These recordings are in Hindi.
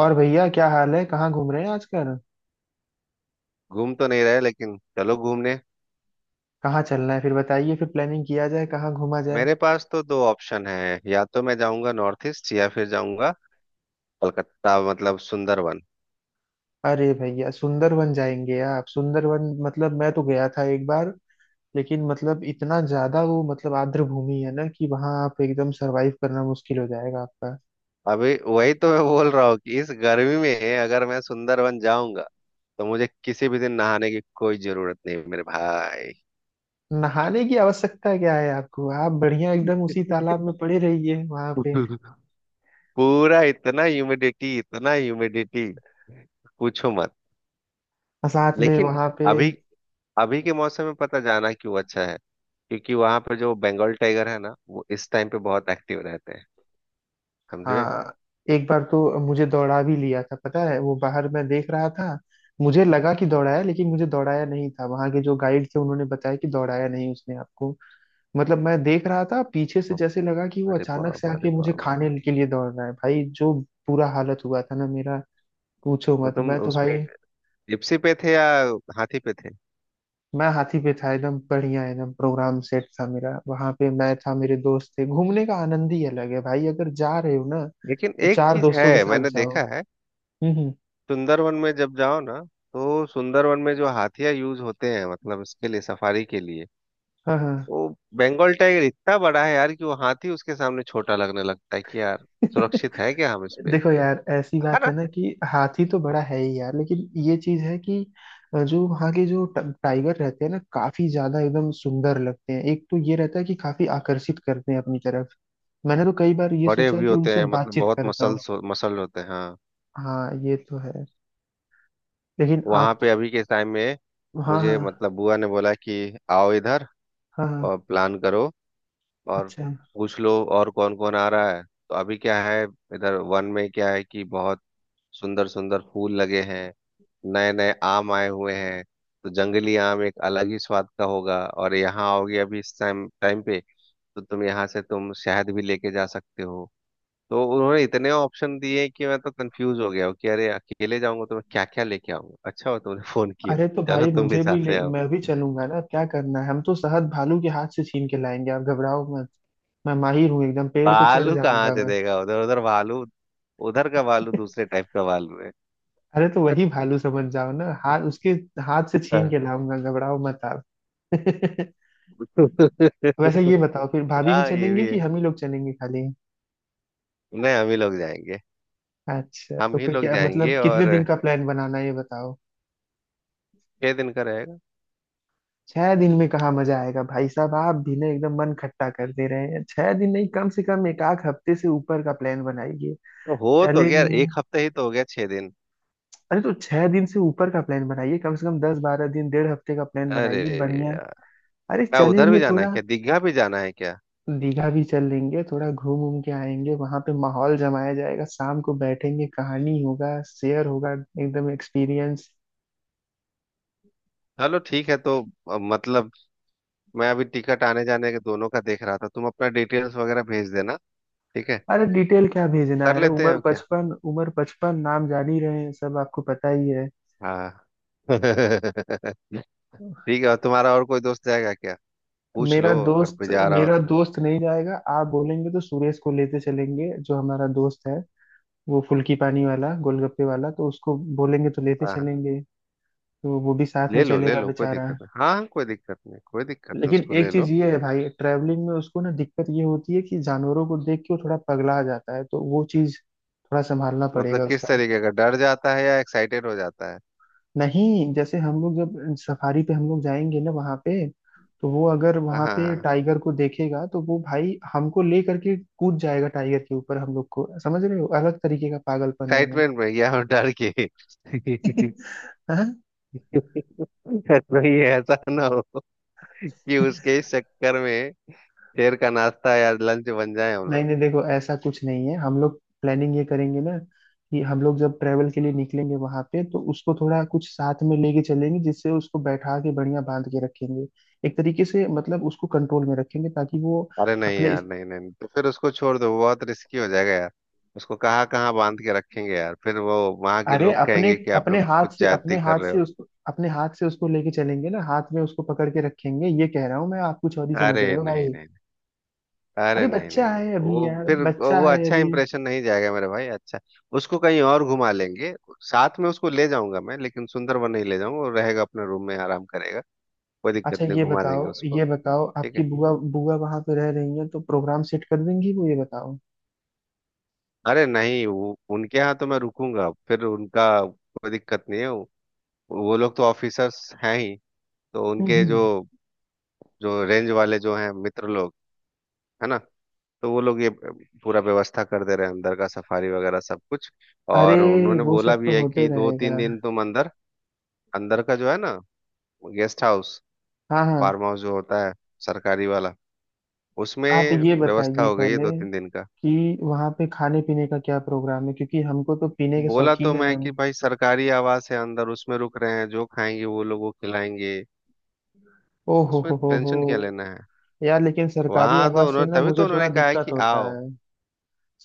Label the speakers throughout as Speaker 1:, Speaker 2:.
Speaker 1: और भैया क्या हाल है? कहाँ घूम रहे हैं आजकल?
Speaker 2: घूम तो नहीं रहे, लेकिन चलो घूमने।
Speaker 1: कहाँ चलना है फिर बताइए। फिर प्लानिंग किया जाए कहाँ घूमा जाए।
Speaker 2: मेरे पास तो दो ऑप्शन है, या तो मैं जाऊंगा नॉर्थ ईस्ट या फिर जाऊंगा कलकत्ता, मतलब सुंदरवन।
Speaker 1: अरे भैया, सुंदरवन जाएंगे आप? सुंदरवन मतलब मैं तो गया था एक बार, लेकिन मतलब इतना ज्यादा वो मतलब आर्द्र भूमि है ना कि वहां आप एकदम सरवाइव करना मुश्किल हो जाएगा आपका।
Speaker 2: अभी वही तो मैं बोल रहा हूँ कि इस गर्मी में अगर मैं सुंदरवन जाऊंगा तो मुझे किसी भी दिन नहाने की कोई जरूरत नहीं, मेरे भाई।
Speaker 1: नहाने की आवश्यकता क्या है आपको? आप बढ़िया एकदम उसी तालाब में पड़े रहिए वहां पे।
Speaker 2: पूरा, इतना ह्यूमिडिटी, इतना ह्यूमिडिटी, पूछो मत।
Speaker 1: और साथ में
Speaker 2: लेकिन
Speaker 1: वहां पे।
Speaker 2: अभी, अभी के मौसम में पता जाना क्यों अच्छा है? क्योंकि वहां पे जो बंगाल टाइगर है ना, वो इस टाइम पे बहुत एक्टिव रहते हैं, समझे?
Speaker 1: हाँ। एक बार तो मुझे दौड़ा भी लिया था, पता है? वो बाहर मैं देख रहा था, मुझे लगा कि दौड़ाया, लेकिन मुझे दौड़ाया नहीं था। वहां के जो गाइड थे उन्होंने बताया कि दौड़ाया नहीं उसने आपको। मतलब मैं देख रहा था पीछे से,
Speaker 2: ओ,
Speaker 1: जैसे लगा कि वो
Speaker 2: अरे
Speaker 1: अचानक से
Speaker 2: बाबा, अरे
Speaker 1: आके मुझे
Speaker 2: बाबा।
Speaker 1: खाने के लिए दौड़ रहा है भाई जो। बुरा हालत हुआ था ना मेरा। पूछो
Speaker 2: तो
Speaker 1: मत,
Speaker 2: तुम
Speaker 1: मैं तो
Speaker 2: उसमें
Speaker 1: भाई।
Speaker 2: जिप्सी पे थे या हाथी पे थे?
Speaker 1: मैं हाथी पे था। एकदम बढ़िया, एकदम प्रोग्राम सेट था मेरा वहां पे। मैं था, मेरे दोस्त थे। घूमने का आनंद ही अलग है भाई, अगर जा रहे हो ना
Speaker 2: लेकिन
Speaker 1: तो
Speaker 2: एक
Speaker 1: चार
Speaker 2: चीज
Speaker 1: दोस्तों के
Speaker 2: है,
Speaker 1: साथ
Speaker 2: मैंने
Speaker 1: जाओ।
Speaker 2: देखा है।
Speaker 1: हम्म।
Speaker 2: सुंदरवन में जब जाओ ना, तो सुंदरवन में जो हाथिया यूज होते हैं, मतलब इसके लिए, सफारी के लिए,
Speaker 1: हाँ हाँ।
Speaker 2: वो बंगाल टाइगर इतना बड़ा है यार कि वो हाथी उसके सामने छोटा लगने लगता है कि यार, सुरक्षित है क्या हम इस पे?
Speaker 1: देखो यार, ऐसी
Speaker 2: है
Speaker 1: बात
Speaker 2: ना?
Speaker 1: है ना कि हाथी तो बड़ा है ही यार, लेकिन ये चीज है कि जो वहाँ के जो टाइगर रहते हैं ना, काफी ज्यादा एकदम सुंदर लगते हैं। एक तो ये रहता है कि काफी आकर्षित करते हैं अपनी तरफ। मैंने तो कई बार ये
Speaker 2: बड़े
Speaker 1: सोचा है
Speaker 2: भी
Speaker 1: कि
Speaker 2: होते
Speaker 1: उनसे
Speaker 2: हैं, मतलब
Speaker 1: बातचीत
Speaker 2: बहुत
Speaker 1: करता
Speaker 2: मसल,
Speaker 1: हूँ।
Speaker 2: मसल होते हैं, हाँ।
Speaker 1: हाँ, ये तो है। लेकिन
Speaker 2: वहां पे
Speaker 1: आप।
Speaker 2: अभी के टाइम में
Speaker 1: हाँ
Speaker 2: मुझे,
Speaker 1: हाँ।
Speaker 2: मतलब बुआ ने बोला कि आओ इधर
Speaker 1: हाँ हाँ।
Speaker 2: और प्लान करो, और
Speaker 1: अच्छा।
Speaker 2: पूछ लो और कौन कौन आ रहा है। तो अभी क्या है, इधर वन में क्या है कि बहुत सुंदर सुंदर फूल लगे हैं, नए नए आम आए हुए हैं। तो जंगली आम एक अलग ही स्वाद का होगा, और यहाँ आओगे अभी इस टाइम टाइम पे तो तुम यहाँ से तुम शहद भी लेके जा सकते हो। तो उन्होंने इतने ऑप्शन दिए कि मैं तो कंफ्यूज हो गया हूँ कि अरे अकेले जाऊंगा तो मैं क्या क्या लेके आऊंगा। अच्छा हो तुमने फोन किया।
Speaker 1: अरे तो
Speaker 2: चलो
Speaker 1: भाई,
Speaker 2: तुम भी
Speaker 1: मुझे भी
Speaker 2: साथ
Speaker 1: ले,
Speaker 2: में आओ।
Speaker 1: मैं भी चलूंगा ना। क्या करना है, हम तो शहद भालू के हाथ से छीन के लाएंगे, आप घबराओ मत। मैं माहिर हूँ, एकदम पेड़ पे चढ़
Speaker 2: भालू कहाँ
Speaker 1: जाऊंगा
Speaker 2: से
Speaker 1: मैं।
Speaker 2: देगा? उधर, उधर भालू, उधर का भालू दूसरे टाइप का भालू।
Speaker 1: अरे तो
Speaker 2: हाँ।
Speaker 1: वही भालू समझ जाओ ना। हाथ उसके हाथ से छीन के लाऊंगा, घबराओ मत आप। वैसे ये बताओ, फिर भाभी भी
Speaker 2: हाँ, ये
Speaker 1: चलेंगे
Speaker 2: भी है।
Speaker 1: कि हम ही लोग चलेंगे खाली?
Speaker 2: नहीं, हम ही लोग जाएंगे।
Speaker 1: अच्छा
Speaker 2: हम
Speaker 1: तो
Speaker 2: ही लोग
Speaker 1: क्या
Speaker 2: जाएंगे,
Speaker 1: मतलब कितने
Speaker 2: और
Speaker 1: दिन का प्लान बनाना है ये बताओ।
Speaker 2: 6 दिन का रहेगा।
Speaker 1: 6 दिन में कहाँ मजा आएगा भाई साहब? आप भी ना एकदम मन खट्टा कर दे रहे हैं। 6 दिन नहीं, कम से कम एक आध हफ्ते से ऊपर का प्लान बनाइए।
Speaker 2: तो हो तो गया
Speaker 1: चलेंगे।
Speaker 2: एक हफ्ते, ही तो हो गया 6 दिन।
Speaker 1: अरे तो 6 दिन से ऊपर का प्लान बनाइए। कम से कम 10-12 दिन, 1.5 हफ्ते का प्लान
Speaker 2: अरे
Speaker 1: बनाइए बढ़िया।
Speaker 2: यार,
Speaker 1: अरे
Speaker 2: क्या उधर भी
Speaker 1: चलेंगे
Speaker 2: जाना है,
Speaker 1: थोड़ा।
Speaker 2: क्या दीघा भी जाना है क्या?
Speaker 1: दीघा भी चल लेंगे। थोड़ा घूम घूम के आएंगे वहां पे, माहौल जमाया जाएगा। शाम को बैठेंगे, कहानी होगा, शेयर होगा। एकदम एक्सपीरियंस।
Speaker 2: चलो, ठीक है तो मतलब मैं अभी टिकट आने जाने के दोनों का देख रहा था, तुम अपना डिटेल्स वगैरह भेज देना। ठीक है,
Speaker 1: अरे डिटेल क्या भेजना
Speaker 2: कर
Speaker 1: है,
Speaker 2: लेते हैं
Speaker 1: उम्र
Speaker 2: और क्या।
Speaker 1: 55 उम्र 55, नाम जान ही रहे हैं, सब आपको पता ही है।
Speaker 2: हाँ। ठीक है, और तुम्हारा और कोई दोस्त जाएगा क्या? पूछ
Speaker 1: मेरा
Speaker 2: लो, अगर कोई
Speaker 1: दोस्त।
Speaker 2: जा रहा हो
Speaker 1: मेरा
Speaker 2: तो फिर।
Speaker 1: दोस्त नहीं जाएगा। आप बोलेंगे तो सुरेश को लेते चलेंगे जो हमारा दोस्त है। वो फुल्की पानी वाला, गोलगप्पे वाला, तो उसको बोलेंगे तो लेते
Speaker 2: हाँ हाँ।
Speaker 1: चलेंगे। तो वो भी साथ
Speaker 2: ले
Speaker 1: में
Speaker 2: लो, ले
Speaker 1: चलेगा
Speaker 2: लो, कोई
Speaker 1: बेचारा।
Speaker 2: दिक्कत नहीं। हाँ हाँ, कोई दिक्कत नहीं, कोई दिक्कत नहीं,
Speaker 1: लेकिन
Speaker 2: उसको
Speaker 1: एक
Speaker 2: ले
Speaker 1: चीज
Speaker 2: लो।
Speaker 1: ये है भाई, ट्रैवलिंग में उसको ना दिक्कत ये होती है कि जानवरों को देख के वो थोड़ा पगला जाता है, तो वो चीज थोड़ा संभालना
Speaker 2: मतलब
Speaker 1: पड़ेगा
Speaker 2: किस
Speaker 1: उसका।
Speaker 2: तरीके का, डर जाता है या एक्साइटेड हो जाता है?
Speaker 1: नहीं, जैसे हम लोग जब सफारी पे हम लोग जाएंगे ना वहां पे, तो वो अगर वहां पे
Speaker 2: हाँ,
Speaker 1: टाइगर को देखेगा तो वो भाई हमको ले करके कूद जाएगा टाइगर के ऊपर हम लोग को। समझ रहे हो? अलग तरीके का पागलपन है वो।
Speaker 2: एक्साइटमेंट में या डर के?
Speaker 1: हाँ?
Speaker 2: कोई ऐसा ना हो कि उसके इस चक्कर में शेर का नाश्ता या लंच बन जाए हम
Speaker 1: नहीं
Speaker 2: लोग।
Speaker 1: नहीं, देखो ऐसा कुछ नहीं है। हम लोग प्लानिंग ये करेंगे ना कि हम लोग जब ट्रेवल के लिए निकलेंगे वहां पे तो उसको थोड़ा कुछ साथ में लेके चलेंगे, जिससे उसको बैठा के बढ़िया बांध के रखेंगे। एक तरीके से मतलब उसको कंट्रोल में रखेंगे, ताकि वो
Speaker 2: अरे नहीं
Speaker 1: अपने
Speaker 2: यार,
Speaker 1: इस-
Speaker 2: नहीं नहीं, तो फिर उसको छोड़ दो, वो बहुत रिस्की हो जाएगा यार। उसको कहाँ कहाँ बांध के रखेंगे यार, फिर वो वहां के
Speaker 1: अरे,
Speaker 2: लोग
Speaker 1: अपने
Speaker 2: कहेंगे कि आप लोग तो कुछ ज्यादती कर रहे हो।
Speaker 1: अपने हाथ से उसको लेके चलेंगे ना, हाथ में उसको पकड़ के रखेंगे, ये कह रहा हूँ मैं। आप कुछ और ही समझ
Speaker 2: अरे
Speaker 1: रहे हो
Speaker 2: नहीं
Speaker 1: भाई।
Speaker 2: नहीं,
Speaker 1: अरे
Speaker 2: अरे नहीं नहीं
Speaker 1: बच्चा
Speaker 2: नहीं,
Speaker 1: है
Speaker 2: वो
Speaker 1: अभी यार,
Speaker 2: फिर
Speaker 1: बच्चा
Speaker 2: वो
Speaker 1: है
Speaker 2: अच्छा
Speaker 1: अभी।
Speaker 2: इंप्रेशन नहीं जाएगा मेरे भाई। अच्छा, उसको कहीं और घुमा लेंगे। साथ में उसको ले जाऊंगा मैं, लेकिन सुंदरबन नहीं ले जाऊंगा, वो रहेगा अपने रूम में, आराम करेगा, कोई
Speaker 1: अच्छा
Speaker 2: दिक्कत नहीं,
Speaker 1: ये
Speaker 2: घुमा
Speaker 1: बताओ,
Speaker 2: देंगे उसको।
Speaker 1: ये बताओ
Speaker 2: ठीक
Speaker 1: आपकी
Speaker 2: है।
Speaker 1: बुआ, बुआ वहां पे रह रही है तो प्रोग्राम सेट कर देंगी वो, ये बताओ।
Speaker 2: अरे नहीं, वो उनके यहाँ तो मैं रुकूंगा, फिर उनका कोई दिक्कत नहीं है। वो लोग तो ऑफिसर्स हैं ही, तो उनके
Speaker 1: हम्म।
Speaker 2: जो, जो रेंज वाले जो हैं मित्र लोग, है ना, तो वो लोग ये पूरा व्यवस्था कर दे रहे हैं अंदर का, सफारी वगैरह सब कुछ।
Speaker 1: अरे
Speaker 2: और उन्होंने
Speaker 1: वो
Speaker 2: बोला
Speaker 1: सब
Speaker 2: भी
Speaker 1: तो
Speaker 2: है
Speaker 1: होते
Speaker 2: कि दो तीन
Speaker 1: रहेगा।
Speaker 2: दिन तुम अंदर, अंदर का जो है ना गेस्ट हाउस,
Speaker 1: हाँ हाँ।
Speaker 2: फार्म हाउस जो होता है सरकारी वाला, उसमें
Speaker 1: आप ये
Speaker 2: व्यवस्था
Speaker 1: बताइए
Speaker 2: हो गई है
Speaker 1: पहले
Speaker 2: 2 3 दिन का।
Speaker 1: कि वहाँ पे खाने पीने का क्या प्रोग्राम है, क्योंकि हमको तो पीने के
Speaker 2: बोला तो
Speaker 1: शौकीन है
Speaker 2: मैं कि
Speaker 1: हम।
Speaker 2: भाई सरकारी आवास है, अंदर उसमें रुक रहे हैं, जो खाएंगे वो लोगों को खिलाएंगे,
Speaker 1: ओ
Speaker 2: उसमें
Speaker 1: हो हो।
Speaker 2: टेंशन क्या लेना है।
Speaker 1: यार लेकिन सरकारी
Speaker 2: वहां तो
Speaker 1: आवाज से
Speaker 2: उन्होंने,
Speaker 1: ना
Speaker 2: तभी तो
Speaker 1: मुझे थोड़ा
Speaker 2: उन्होंने कहा है
Speaker 1: दिक्कत
Speaker 2: कि
Speaker 1: होता
Speaker 2: आओ।
Speaker 1: है।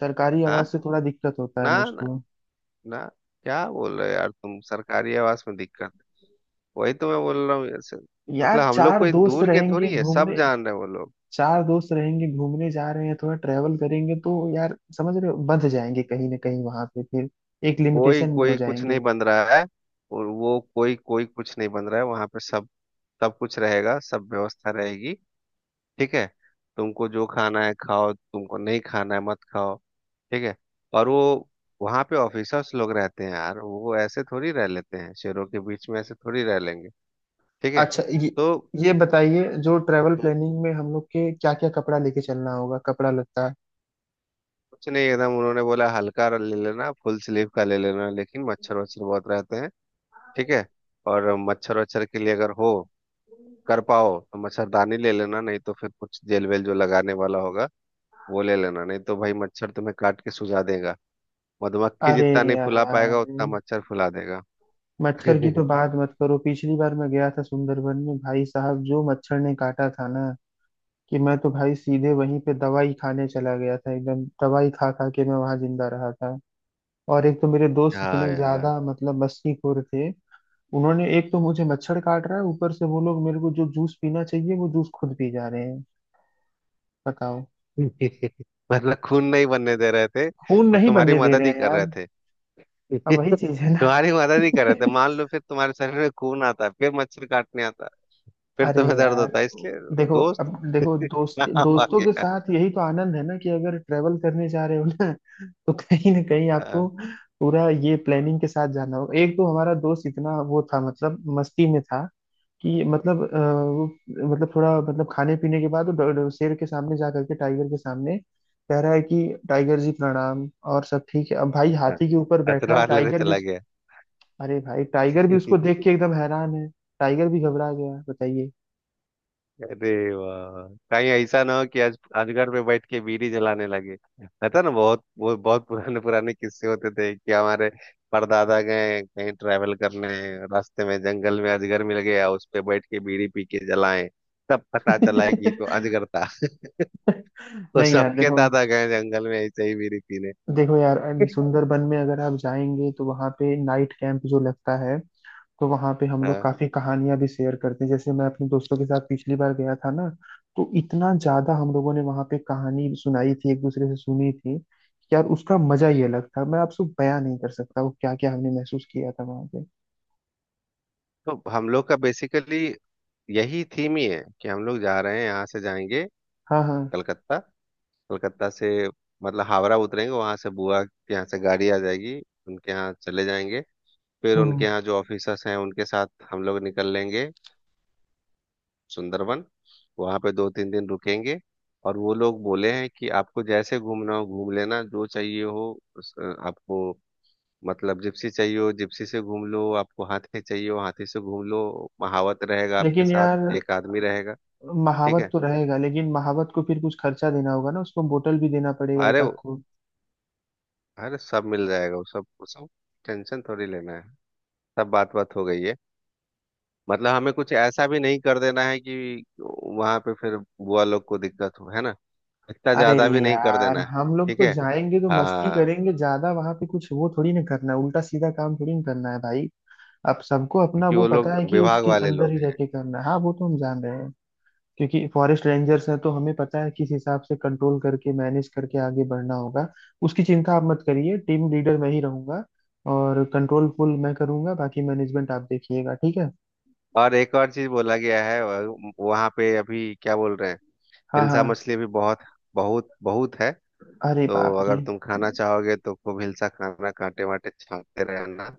Speaker 1: सरकारी आवाज से
Speaker 2: हाँ,
Speaker 1: थोड़ा दिक्कत होता है
Speaker 2: ना ना
Speaker 1: मुझको।
Speaker 2: ना, क्या बोल रहे हो यार, तुम सरकारी आवास में दिक्कत? वही तो मैं बोल रहा हूँ, ऐसे,
Speaker 1: यार
Speaker 2: मतलब हम लोग
Speaker 1: चार
Speaker 2: कोई
Speaker 1: दोस्त
Speaker 2: दूर के
Speaker 1: रहेंगे
Speaker 2: थोड़ी है, सब
Speaker 1: घूमने।
Speaker 2: जान रहे हैं वो लोग।
Speaker 1: चार दोस्त रहेंगे घूमने जा रहे हैं, थोड़ा ट्रेवल करेंगे, तो यार समझ रहे हो, बंध जाएंगे कहीं ना कहीं वहां पे फिर। एक
Speaker 2: कोई
Speaker 1: लिमिटेशन में हो
Speaker 2: कोई कुछ
Speaker 1: जाएंगे।
Speaker 2: नहीं बन रहा है, और वो कोई कोई कुछ नहीं बन रहा है वहां पे, सब सब कुछ रहेगा, सब व्यवस्था रहेगी। ठीक है, तुमको जो खाना है खाओ, तुमको नहीं खाना है मत खाओ। ठीक है। और वो वहां पे ऑफिसर्स लोग रहते हैं यार, वो ऐसे थोड़ी रह लेते हैं शेरों के बीच में, ऐसे थोड़ी रह लेंगे। ठीक है
Speaker 1: अच्छा
Speaker 2: तो
Speaker 1: ये बताइए जो ट्रेवल प्लानिंग में हम लोग के क्या क्या कपड़ा लेके चलना होगा, कपड़ा लत्ता।
Speaker 2: कुछ नहीं, एकदम उन्होंने बोला हल्का ले लेना, फुल स्लीव का ले लेना, लेकिन मच्छर वच्छर बहुत रहते हैं। ठीक है। और मच्छर वच्छर के लिए अगर हो कर पाओ तो मच्छरदानी ले लेना, नहीं तो फिर कुछ जेल वेल जो लगाने वाला होगा वो ले लेना, नहीं तो भाई मच्छर तुम्हें काट के सुझा देगा। मधुमक्खी
Speaker 1: अरे
Speaker 2: जितना नहीं फुला पाएगा,
Speaker 1: यार
Speaker 2: उतना मच्छर फुला देगा।
Speaker 1: मच्छर की तो बात मत करो। पिछली बार मैं गया था सुंदरबन में, भाई साहब जो मच्छर ने काटा था ना कि मैं तो भाई सीधे वहीं पे दवाई खाने चला गया था। एकदम दवाई खा खा के मैं वहां जिंदा रहा था। और एक तो मेरे दोस्त
Speaker 2: हाँ
Speaker 1: इतने
Speaker 2: यार।
Speaker 1: ज्यादा मतलब मस्तीखोर थे, उन्होंने एक तो मुझे मच्छर काट रहा है, ऊपर से वो लोग मेरे को जो जूस पीना चाहिए वो जूस खुद पी जा रहे हैं। बताओ।
Speaker 2: मतलब खून नहीं बनने दे रहे थे,
Speaker 1: खून
Speaker 2: वो
Speaker 1: नहीं
Speaker 2: तुम्हारी
Speaker 1: बनने दे
Speaker 2: मदद
Speaker 1: रहे
Speaker 2: ही
Speaker 1: हैं
Speaker 2: कर रहे
Speaker 1: यार।
Speaker 2: थे।
Speaker 1: अब वही चीज है ना।
Speaker 2: तुम्हारी मदद ही कर रहे थे, मान लो फिर तुम्हारे शरीर में खून आता, फिर मच्छर काटने आता, फिर
Speaker 1: अरे
Speaker 2: तुम्हें दर्द
Speaker 1: यार,
Speaker 2: होता है इसलिए।
Speaker 1: देखो
Speaker 2: दोस्त
Speaker 1: अब देखो, दोस्त
Speaker 2: काम आ
Speaker 1: दोस्तों के
Speaker 2: गया।
Speaker 1: साथ यही तो आनंद है ना, कि अगर ट्रेवल करने जा रहे हो ना तो कहीं ना कहीं आपको
Speaker 2: हाँ,
Speaker 1: पूरा ये प्लानिंग के साथ जाना होगा। एक तो हमारा दोस्त इतना वो था, मतलब मस्ती में था, कि मतलब अ, वो मतलब थोड़ा मतलब खाने पीने के बाद वो शेर के सामने जा करके, टाइगर के सामने कह रहा है कि टाइगर जी प्रणाम और सब ठीक है। अब भाई
Speaker 2: हाँ,
Speaker 1: हाथी के ऊपर बैठा है,
Speaker 2: अतरवार लेने
Speaker 1: टाइगर भी
Speaker 2: चला
Speaker 1: अरे भाई टाइगर भी उसको
Speaker 2: गया।
Speaker 1: देख के एकदम हैरान है। टाइगर भी घबरा गया, बताइए।
Speaker 2: अरे वाह, कहीं ऐसा ना हो कि आज अजगर पे बैठ के बीड़ी जलाने लगे। रहता ना बहुत वो, बहुत पुराने पुराने किस्से होते थे कि हमारे परदादा गए कहीं ट्रैवल करने, रास्ते में जंगल में अजगर मिल गया, उस पे बैठ के बीड़ी पी के जलाएं, तब पता चला कि ये तो अजगर था। तो
Speaker 1: नहीं यार
Speaker 2: सबके
Speaker 1: देखो,
Speaker 2: दादा गए जंगल में ऐसे ही बीड़ी पीने।
Speaker 1: देखो यार सुंदरबन में अगर आप जाएंगे तो वहां पे नाइट कैंप जो लगता है, तो वहां पे हम लोग
Speaker 2: हाँ,
Speaker 1: काफी कहानियां भी शेयर करते हैं। जैसे मैं अपने दोस्तों के साथ पिछली बार गया था ना, तो इतना ज्यादा हम लोगों ने वहां पे कहानी सुनाई थी, एक दूसरे से सुनी थी, कि यार उसका मजा ही अलग था। मैं आपसे बयां नहीं कर सकता वो क्या क्या हमने महसूस किया था वहां पे।
Speaker 2: तो हम लोग का बेसिकली यही थीम ही है कि हम लोग जा रहे हैं, यहाँ से जाएंगे
Speaker 1: हाँ हाँ।
Speaker 2: कलकत्ता, कलकत्ता से मतलब हावड़ा उतरेंगे, वहां से बुआ के यहाँ से गाड़ी आ जाएगी, उनके यहाँ चले जाएंगे, फिर उनके
Speaker 1: हम्म।
Speaker 2: यहाँ जो ऑफिसर्स हैं उनके साथ हम लोग निकल लेंगे सुंदरबन, वहां पे 2 3 दिन रुकेंगे। और वो लोग बोले हैं कि आपको जैसे घूमना हो घूम लेना, जो चाहिए हो उस- आपको, मतलब जिप्सी चाहिए हो जिप्सी से घूम लो, आपको हाथी चाहिए हो हाथी से घूम लो, महावत रहेगा आपके
Speaker 1: लेकिन
Speaker 2: साथ,
Speaker 1: यार,
Speaker 2: एक आदमी रहेगा। ठीक
Speaker 1: महावत
Speaker 2: है।
Speaker 1: तो रहेगा लेकिन महावत को फिर कुछ खर्चा देना होगा ना, उसको बोतल भी देना पड़ेगा एक
Speaker 2: अरे,
Speaker 1: आध को।
Speaker 2: अरे सब मिल जाएगा वो, सब, सब टेंशन थोड़ी लेना है, सब बात बात हो गई है। मतलब हमें कुछ ऐसा भी नहीं कर देना है कि वहां पे फिर बुआ लोग को दिक्कत हो, है ना, इतना
Speaker 1: अरे
Speaker 2: ज्यादा भी नहीं कर
Speaker 1: यार
Speaker 2: देना है।
Speaker 1: हम लोग
Speaker 2: ठीक
Speaker 1: तो
Speaker 2: है,
Speaker 1: जाएंगे तो मस्ती
Speaker 2: हाँ।
Speaker 1: करेंगे, ज्यादा वहां पे कुछ वो थोड़ी ना करना है, उल्टा सीधा काम थोड़ी ना करना है भाई। अब सबको अपना
Speaker 2: क्योंकि
Speaker 1: वो
Speaker 2: वो
Speaker 1: पता
Speaker 2: लोग
Speaker 1: है कि
Speaker 2: विभाग
Speaker 1: उसके
Speaker 2: वाले
Speaker 1: अंदर
Speaker 2: लोग
Speaker 1: ही रह
Speaker 2: हैं।
Speaker 1: के करना है। हाँ, वो तो हम जान रहे हैं। क्योंकि फॉरेस्ट रेंजर्स हैं, तो हमें पता है किस हिसाब से कंट्रोल करके, मैनेज करके आगे बढ़ना होगा। उसकी चिंता आप मत करिए, टीम लीडर मैं ही रहूंगा और कंट्रोल फुल मैं करूंगा, बाकी मैनेजमेंट आप देखिएगा, ठीक है?
Speaker 2: और एक और चीज बोला गया है, वहाँ पे अभी क्या बोल रहे हैं,
Speaker 1: हाँ
Speaker 2: हिलसा
Speaker 1: हाँ।
Speaker 2: मछली भी बहुत बहुत बहुत है।
Speaker 1: अरे
Speaker 2: तो
Speaker 1: बाप रे।
Speaker 2: अगर तुम खाना चाहोगे तो खूब हिलसा खाना, कांटे वाटे छांटते रहना।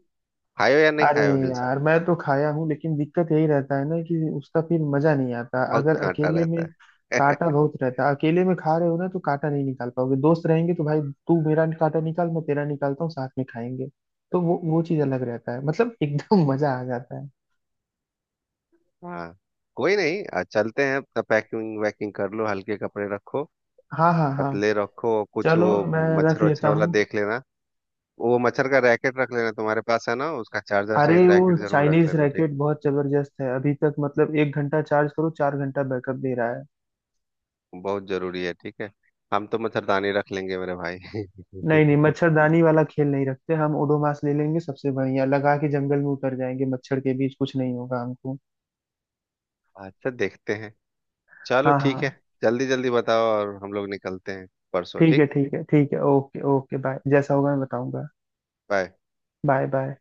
Speaker 2: खायो या नहीं
Speaker 1: अरे
Speaker 2: खायो हिलसा?
Speaker 1: यार मैं तो खाया हूँ, लेकिन दिक्कत यही रहता है ना कि उसका फिर मजा नहीं आता
Speaker 2: बहुत
Speaker 1: अगर
Speaker 2: कांटा
Speaker 1: अकेले में।
Speaker 2: रहता है।
Speaker 1: काटा बहुत रहता है, अकेले में खा रहे हो ना तो काटा नहीं निकाल पाओगे, दोस्त रहेंगे तो भाई तू मेरा काटा निकाल, मैं तेरा निकालता हूँ, साथ में खाएंगे। तो वो चीज अलग रहता है मतलब, एकदम मजा आ जाता है।
Speaker 2: हाँ, कोई नहीं। चलते हैं, अपना पैकिंग वैकिंग कर लो, हल्के कपड़े रखो,
Speaker 1: हाँ हाँ हाँ।
Speaker 2: पतले रखो, और कुछ
Speaker 1: चलो
Speaker 2: वो
Speaker 1: मैं रख
Speaker 2: मच्छर
Speaker 1: लेता
Speaker 2: वच्छर वाला
Speaker 1: हूँ।
Speaker 2: देख लेना, वो मच्छर का रैकेट रख लेना, तुम्हारे पास है ना, उसका चार्जर
Speaker 1: अरे
Speaker 2: सहित
Speaker 1: वो
Speaker 2: रैकेट जरूर रख
Speaker 1: चाइनीज
Speaker 2: लेना, ठीक?
Speaker 1: रैकेट बहुत जबरदस्त है अभी तक। मतलब 1 घंटा चार्ज करो, 4 घंटा बैकअप दे रहा है।
Speaker 2: बहुत जरूरी है, ठीक है। हम तो मच्छरदानी रख लेंगे, मेरे भाई।
Speaker 1: नहीं नहीं, मच्छरदानी वाला खेल नहीं रखते हम। ओडोमास ले लेंगे, सबसे बढ़िया लगा के जंगल में उतर जाएंगे, मच्छर के बीच कुछ नहीं होगा हमको।
Speaker 2: अच्छा, देखते हैं, चलो
Speaker 1: हाँ हाँ
Speaker 2: ठीक है।
Speaker 1: हाँ।
Speaker 2: जल्दी जल्दी बताओ और हम लोग निकलते हैं परसों,
Speaker 1: ठीक है,
Speaker 2: ठीक?
Speaker 1: ठीक है, ठीक है, ओके ओके, बाय। जैसा होगा मैं बताऊंगा।
Speaker 2: बाय।
Speaker 1: Bye bye.